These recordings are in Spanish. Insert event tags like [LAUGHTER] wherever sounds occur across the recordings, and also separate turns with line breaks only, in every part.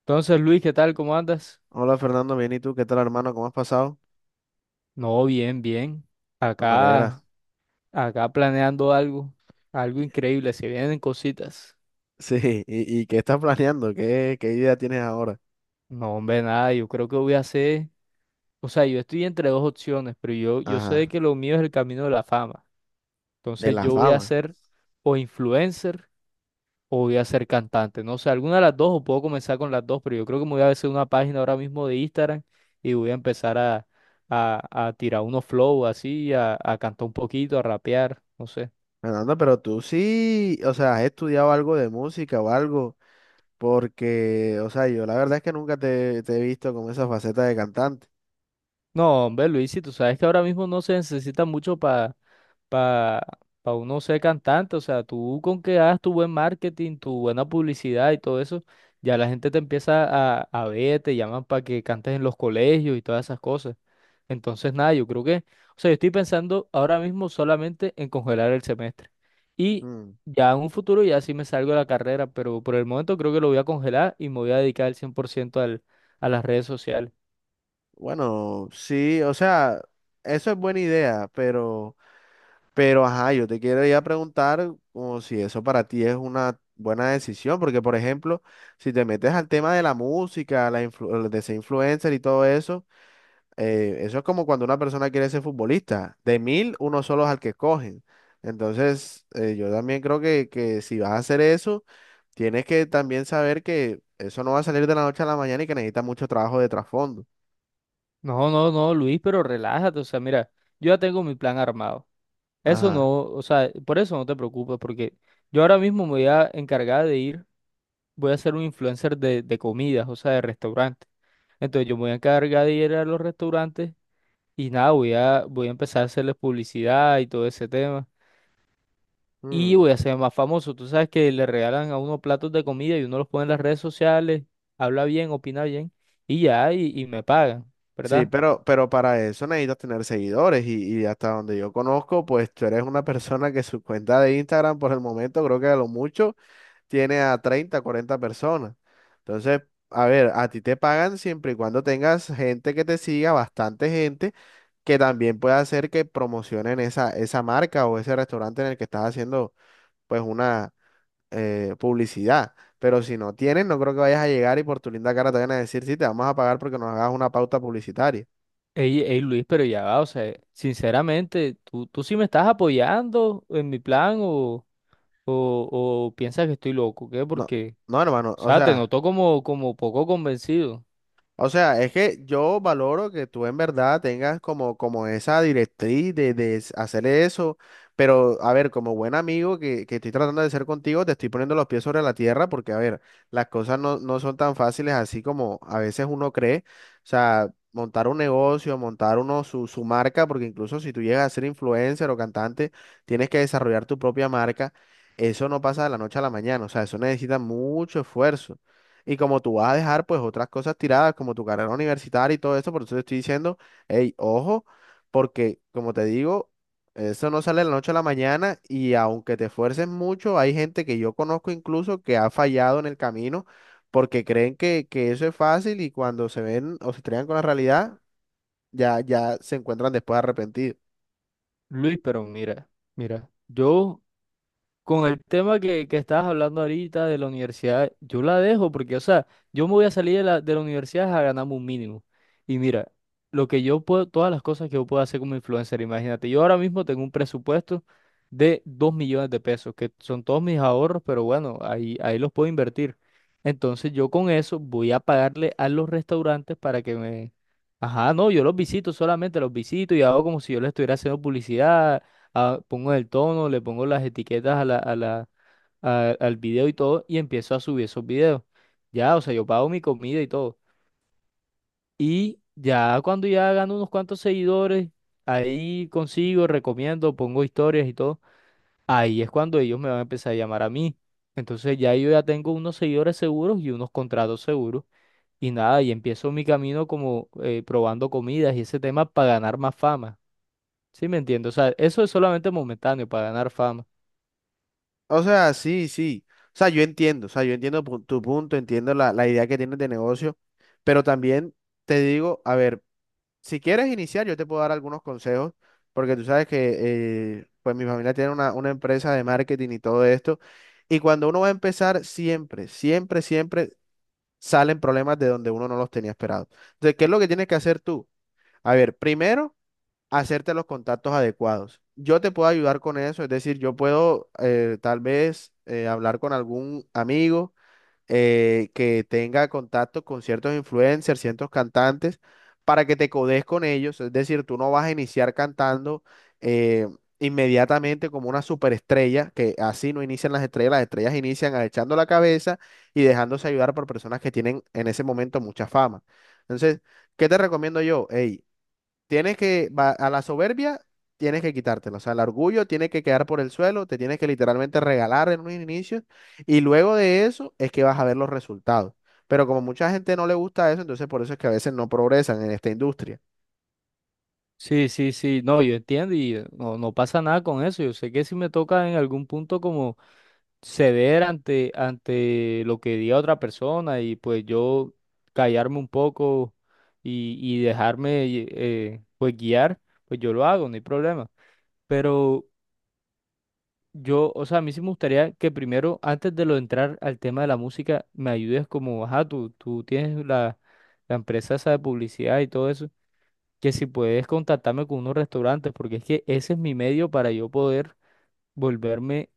Entonces, Luis, ¿qué tal? ¿Cómo andas?
Hola Fernando, bien, ¿y tú? ¿Qué tal, hermano? ¿Cómo has pasado?
No, bien, bien.
No me alegra.
Acá, acá planeando algo, algo increíble. Se vienen cositas.
[LAUGHS] Sí, ¿y qué estás planeando? ¿Qué idea tienes ahora?
No, hombre, nada. Yo creo que voy a hacer, o sea, yo estoy entre dos opciones, pero yo sé
Ajá,
que lo mío es el camino de la fama.
de
Entonces,
la
yo voy a
fama.
ser o influencer o voy a ser cantante. No sé, alguna de las dos o puedo comenzar con las dos, pero yo creo que me voy a hacer una página ahora mismo de Instagram y voy a empezar a tirar unos flow así, a cantar un poquito, a rapear. No sé.
Fernando, pero tú sí, o sea, has estudiado algo de música o algo, porque, o sea, yo la verdad es que nunca te he visto con esa faceta de cantante.
No, hombre, Luis, si tú sabes que ahora mismo no se necesita mucho para pa uno ser cantante, o sea, tú con que hagas tu buen marketing, tu buena publicidad y todo eso, ya la gente te empieza a ver, te llaman para que cantes en los colegios y todas esas cosas. Entonces, nada, yo creo que, o sea, yo estoy pensando ahora mismo solamente en congelar el semestre. Y
Mm.
ya en un futuro ya sí me salgo de la carrera, pero por el momento creo que lo voy a congelar y me voy a dedicar el 100% al, a las redes sociales.
Bueno, sí, o sea, eso es buena idea, Pero, ajá, yo te quiero ya preguntar como si eso para ti es una buena decisión, porque, por ejemplo, si te metes al tema de la música, de ser influencer y todo eso, eso es como cuando una persona quiere ser futbolista. De mil, uno solo es al que escogen. Entonces, yo también creo que si vas a hacer eso, tienes que también saber que eso no va a salir de la noche a la mañana y que necesita mucho trabajo de trasfondo.
No, no, no, Luis, pero relájate, o sea, mira, yo ya tengo mi plan armado. Eso
Ajá.
no, o sea, por eso no te preocupes, porque yo ahora mismo me voy a encargar de ir, voy a ser un influencer de comidas, o sea, de restaurantes. Entonces yo me voy a encargar de ir a los restaurantes y nada, voy a empezar a hacerles publicidad y todo ese tema. Y
Mm.
voy a ser más famoso. Tú sabes que le regalan a uno platos de comida y uno los pone en las redes sociales, habla bien, opina bien, y ya, y me pagan,
Sí,
¿verdad?
pero para eso necesitas tener seguidores y hasta donde yo conozco, pues tú eres una persona que su cuenta de Instagram por el momento creo que a lo mucho tiene a 30, 40 personas. Entonces, a ver, a ti te pagan siempre y cuando tengas gente que te siga, bastante gente, que también pueda hacer que promocionen esa marca o ese restaurante en el que estás haciendo pues una publicidad. Pero si no tienes, no creo que vayas a llegar y por tu linda cara te van a decir, sí, te vamos a pagar porque nos hagas una pauta publicitaria.
Ey, ey, Luis, pero ya va, o sea, sinceramente, ¿tú sí me estás apoyando en mi plan o, o piensas que estoy loco? ¿Qué?
No,
Porque,
no, hermano,
o
o
sea, te
sea,
noto como, como poco convencido.
o sea, es que yo valoro que tú en verdad tengas como, como esa directriz de hacer eso, pero a ver, como buen amigo que estoy tratando de ser contigo, te estoy poniendo los pies sobre la tierra porque, a ver, las cosas no son tan fáciles así como a veces uno cree, o sea, montar un negocio, montar uno su marca, porque incluso si tú llegas a ser influencer o cantante, tienes que desarrollar tu propia marca, eso no pasa de la noche a la mañana, o sea, eso necesita mucho esfuerzo. Y como tú vas a dejar pues otras cosas tiradas, como tu carrera universitaria y todo eso, por eso te estoy diciendo, hey, ojo, porque como te digo, eso no sale de la noche a la mañana y aunque te esfuerces mucho, hay gente que yo conozco incluso que ha fallado en el camino porque creen que eso es fácil y cuando se ven o se estrellan con la realidad, ya, ya se encuentran después arrepentidos.
Luis, pero mira, mira, yo. Con el tema que estabas hablando ahorita de la universidad, yo la dejo porque, o sea, yo me voy a salir de la universidad a ganarme un mínimo. Y mira, lo que yo puedo, todas las cosas que yo puedo hacer como influencer, imagínate, yo ahora mismo tengo un presupuesto de 2 millones de pesos, que son todos mis ahorros, pero bueno, ahí los puedo invertir. Entonces yo con eso voy a pagarle a los restaurantes para que me... Ajá, no, yo los visito solamente, los visito y hago como si yo les estuviera haciendo publicidad, pongo el tono, le pongo las etiquetas a al video y todo, y empiezo a subir esos videos. Ya, o sea, yo pago mi comida y todo. Y ya cuando ya gano unos cuantos seguidores, ahí consigo, recomiendo, pongo historias y todo. Ahí es cuando ellos me van a empezar a llamar a mí. Entonces ya yo ya tengo unos seguidores seguros y unos contratos seguros. Y nada, y empiezo mi camino como probando comidas y ese tema para ganar más fama. ¿Sí me entiendes? O sea, eso es solamente momentáneo para ganar fama.
O sea, sí, sí. O sea, yo entiendo, o sea, yo entiendo tu punto, entiendo la idea que tienes de negocio, pero también te digo, a ver. Si quieres iniciar, yo te puedo dar algunos consejos, porque tú sabes que pues mi familia tiene una empresa de marketing y todo esto. Y cuando uno va a empezar, siempre, siempre, siempre salen problemas de donde uno no los tenía esperado. Entonces, ¿qué es lo que tienes que hacer tú? A ver, primero, hacerte los contactos adecuados. Yo te puedo ayudar con eso, es decir, yo puedo tal vez hablar con algún amigo que tenga contacto con ciertos influencers, ciertos cantantes, para que te codes con ellos. Es decir, tú no vas a iniciar cantando eh, inmediatamente como una superestrella, que así no inician las estrellas inician agachando la cabeza y dejándose ayudar por personas que tienen en ese momento mucha fama. Entonces, ¿qué te recomiendo yo? Ey, tienes que, a la soberbia, tienes que quitártela. O sea, el orgullo tiene que quedar por el suelo, te tienes que literalmente regalar en un inicio. Y luego de eso es que vas a ver los resultados. Pero como mucha gente no le gusta eso, entonces por eso es que a veces no progresan en esta industria.
Sí, sí, sí, no, yo entiendo y no, no pasa nada con eso. Yo sé que si me toca en algún punto como ceder ante, ante lo que diga otra persona y pues yo callarme un poco y dejarme pues guiar, pues yo lo hago, no hay problema. Pero yo, o sea, a mí sí me gustaría que primero, antes de lo entrar al tema de la música, me ayudes como, ajá, tú tienes la empresa esa de publicidad y todo eso que si puedes contactarme con unos restaurantes, porque es que ese es mi medio para yo poder volverme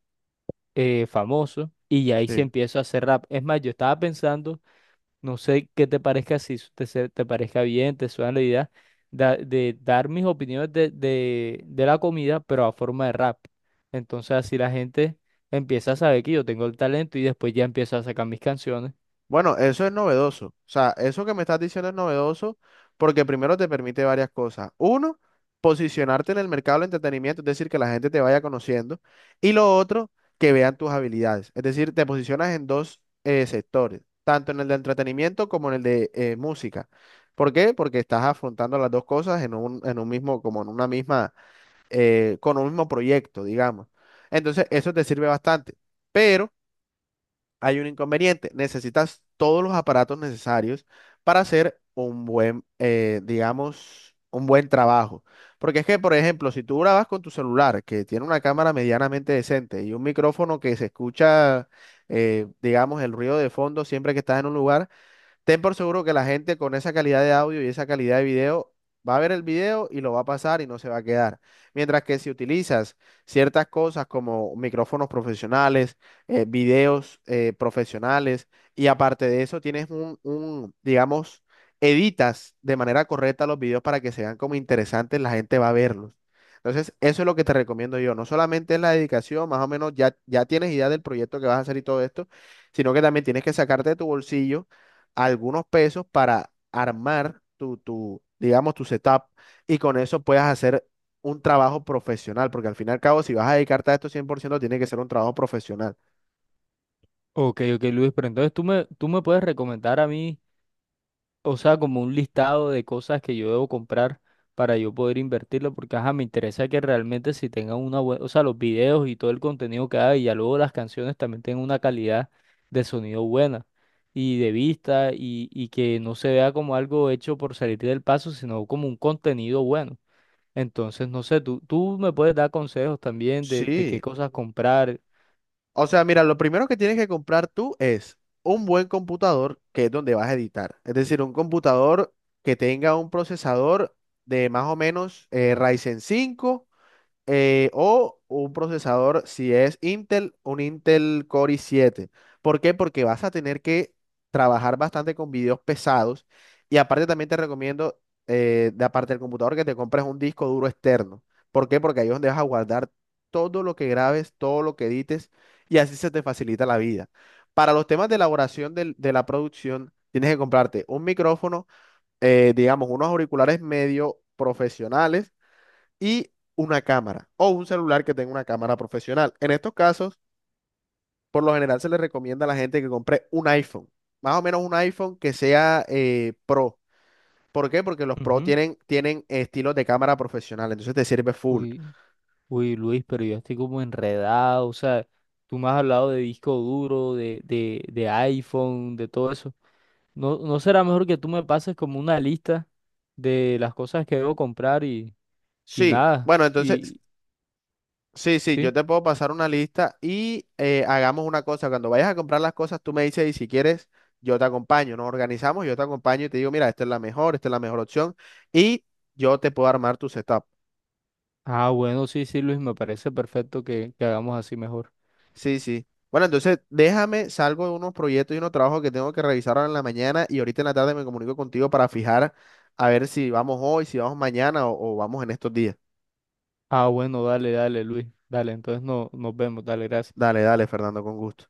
famoso y ya ahí se
Sí.
empiezo a hacer rap. Es más, yo estaba pensando, no sé qué te parezca, si te parezca bien, te suena la idea, de dar mis opiniones de la comida, pero a forma de rap. Entonces así la gente empieza a saber que yo tengo el talento y después ya empiezo a sacar mis canciones.
Bueno, eso es novedoso. O sea, eso que me estás diciendo es novedoso porque primero te permite varias cosas. Uno, posicionarte en el mercado del entretenimiento, es decir, que la gente te vaya conociendo. Y lo otro, que vean tus habilidades. Es decir, te posicionas en dos sectores, tanto en el de entretenimiento como en el de música. ¿Por qué? Porque estás afrontando las dos cosas en un mismo, como en una misma, con un mismo proyecto, digamos. Entonces, eso te sirve bastante. Pero hay un inconveniente. Necesitas todos los aparatos necesarios para hacer un buen, digamos, un buen trabajo. Porque es que, por ejemplo, si tú grabas con tu celular, que tiene una cámara medianamente decente y un micrófono que se escucha, digamos, el ruido de fondo siempre que estás en un lugar. Ten por seguro que la gente con esa calidad de audio y esa calidad de video va a ver el video y lo va a pasar y no se va a quedar. Mientras que si utilizas ciertas cosas como micrófonos profesionales, videos profesionales y aparte de eso tienes digamos, editas de manera correcta los videos para que se vean como interesantes, la gente va a verlos. Entonces, eso es lo que te recomiendo yo. No solamente es la dedicación, más o menos ya, ya tienes idea del proyecto que vas a hacer y todo esto, sino que también tienes que sacarte de tu bolsillo algunos pesos para armar digamos, tu setup y con eso puedas hacer un trabajo profesional, porque al fin y al cabo, si vas a dedicarte a esto 100% tiene que ser un trabajo profesional.
Ok, ok, Luis, pero entonces tú me puedes recomendar a mí, o sea, como un listado de cosas que yo debo comprar para yo poder invertirlo, porque ajá, me interesa que realmente si tengan una buena, o sea, los videos y todo el contenido que hay, y ya luego las canciones también tengan una calidad de sonido buena y de vista y que no se vea como algo hecho por salir del paso, sino como un contenido bueno. Entonces, no sé, tú me puedes dar consejos también de qué
Sí.
cosas comprar.
O sea, mira, lo primero que tienes que comprar tú es un buen computador, que es donde vas a editar. Es decir, un computador que tenga un procesador de más o menos Ryzen 5 o un procesador, si es Intel, un Intel Core i7. ¿Por qué? Porque vas a tener que trabajar bastante con videos pesados y aparte también te recomiendo, de aparte del computador, que te compres un disco duro externo. ¿Por qué? Porque ahí es donde vas a guardar todo lo que grabes, todo lo que edites y así se te facilita la vida. Para los temas de elaboración de la producción, tienes que comprarte un micrófono, digamos, unos auriculares medio profesionales y una cámara o un celular que tenga una cámara profesional. En estos casos, por lo general se le recomienda a la gente que compre un iPhone, más o menos un iPhone que sea Pro. ¿Por qué? Porque los Pro
Ujú.
tienen estilos de cámara profesional, entonces te sirve full.
Uy, Uy, Luis, pero yo estoy como enredado, o sea, tú me has hablado de disco duro, de iPhone, de todo eso. ¿No, no será mejor que tú me pases como una lista de las cosas que debo comprar y
Sí,
nada?
bueno, entonces,
Y,
sí, sí, yo
¿sí?
te puedo pasar una lista y hagamos una cosa. Cuando vayas a comprar las cosas, tú me dices y si quieres, yo te acompaño. Nos organizamos, yo te acompaño y te digo, mira, esta es la mejor, esta es la mejor opción y yo te puedo armar tu setup.
Ah, bueno, sí, sí, Luis, me parece perfecto que hagamos así mejor.
Sí, sí. Bueno, entonces déjame, salgo de unos proyectos y unos trabajos que tengo que revisar ahora en la mañana y ahorita en la tarde me comunico contigo para fijar a ver si vamos hoy, si vamos mañana o vamos en estos días.
Ah, bueno, dale, dale, Luis, dale, entonces no, nos vemos, dale, gracias.
Dale, dale, Fernando, con gusto.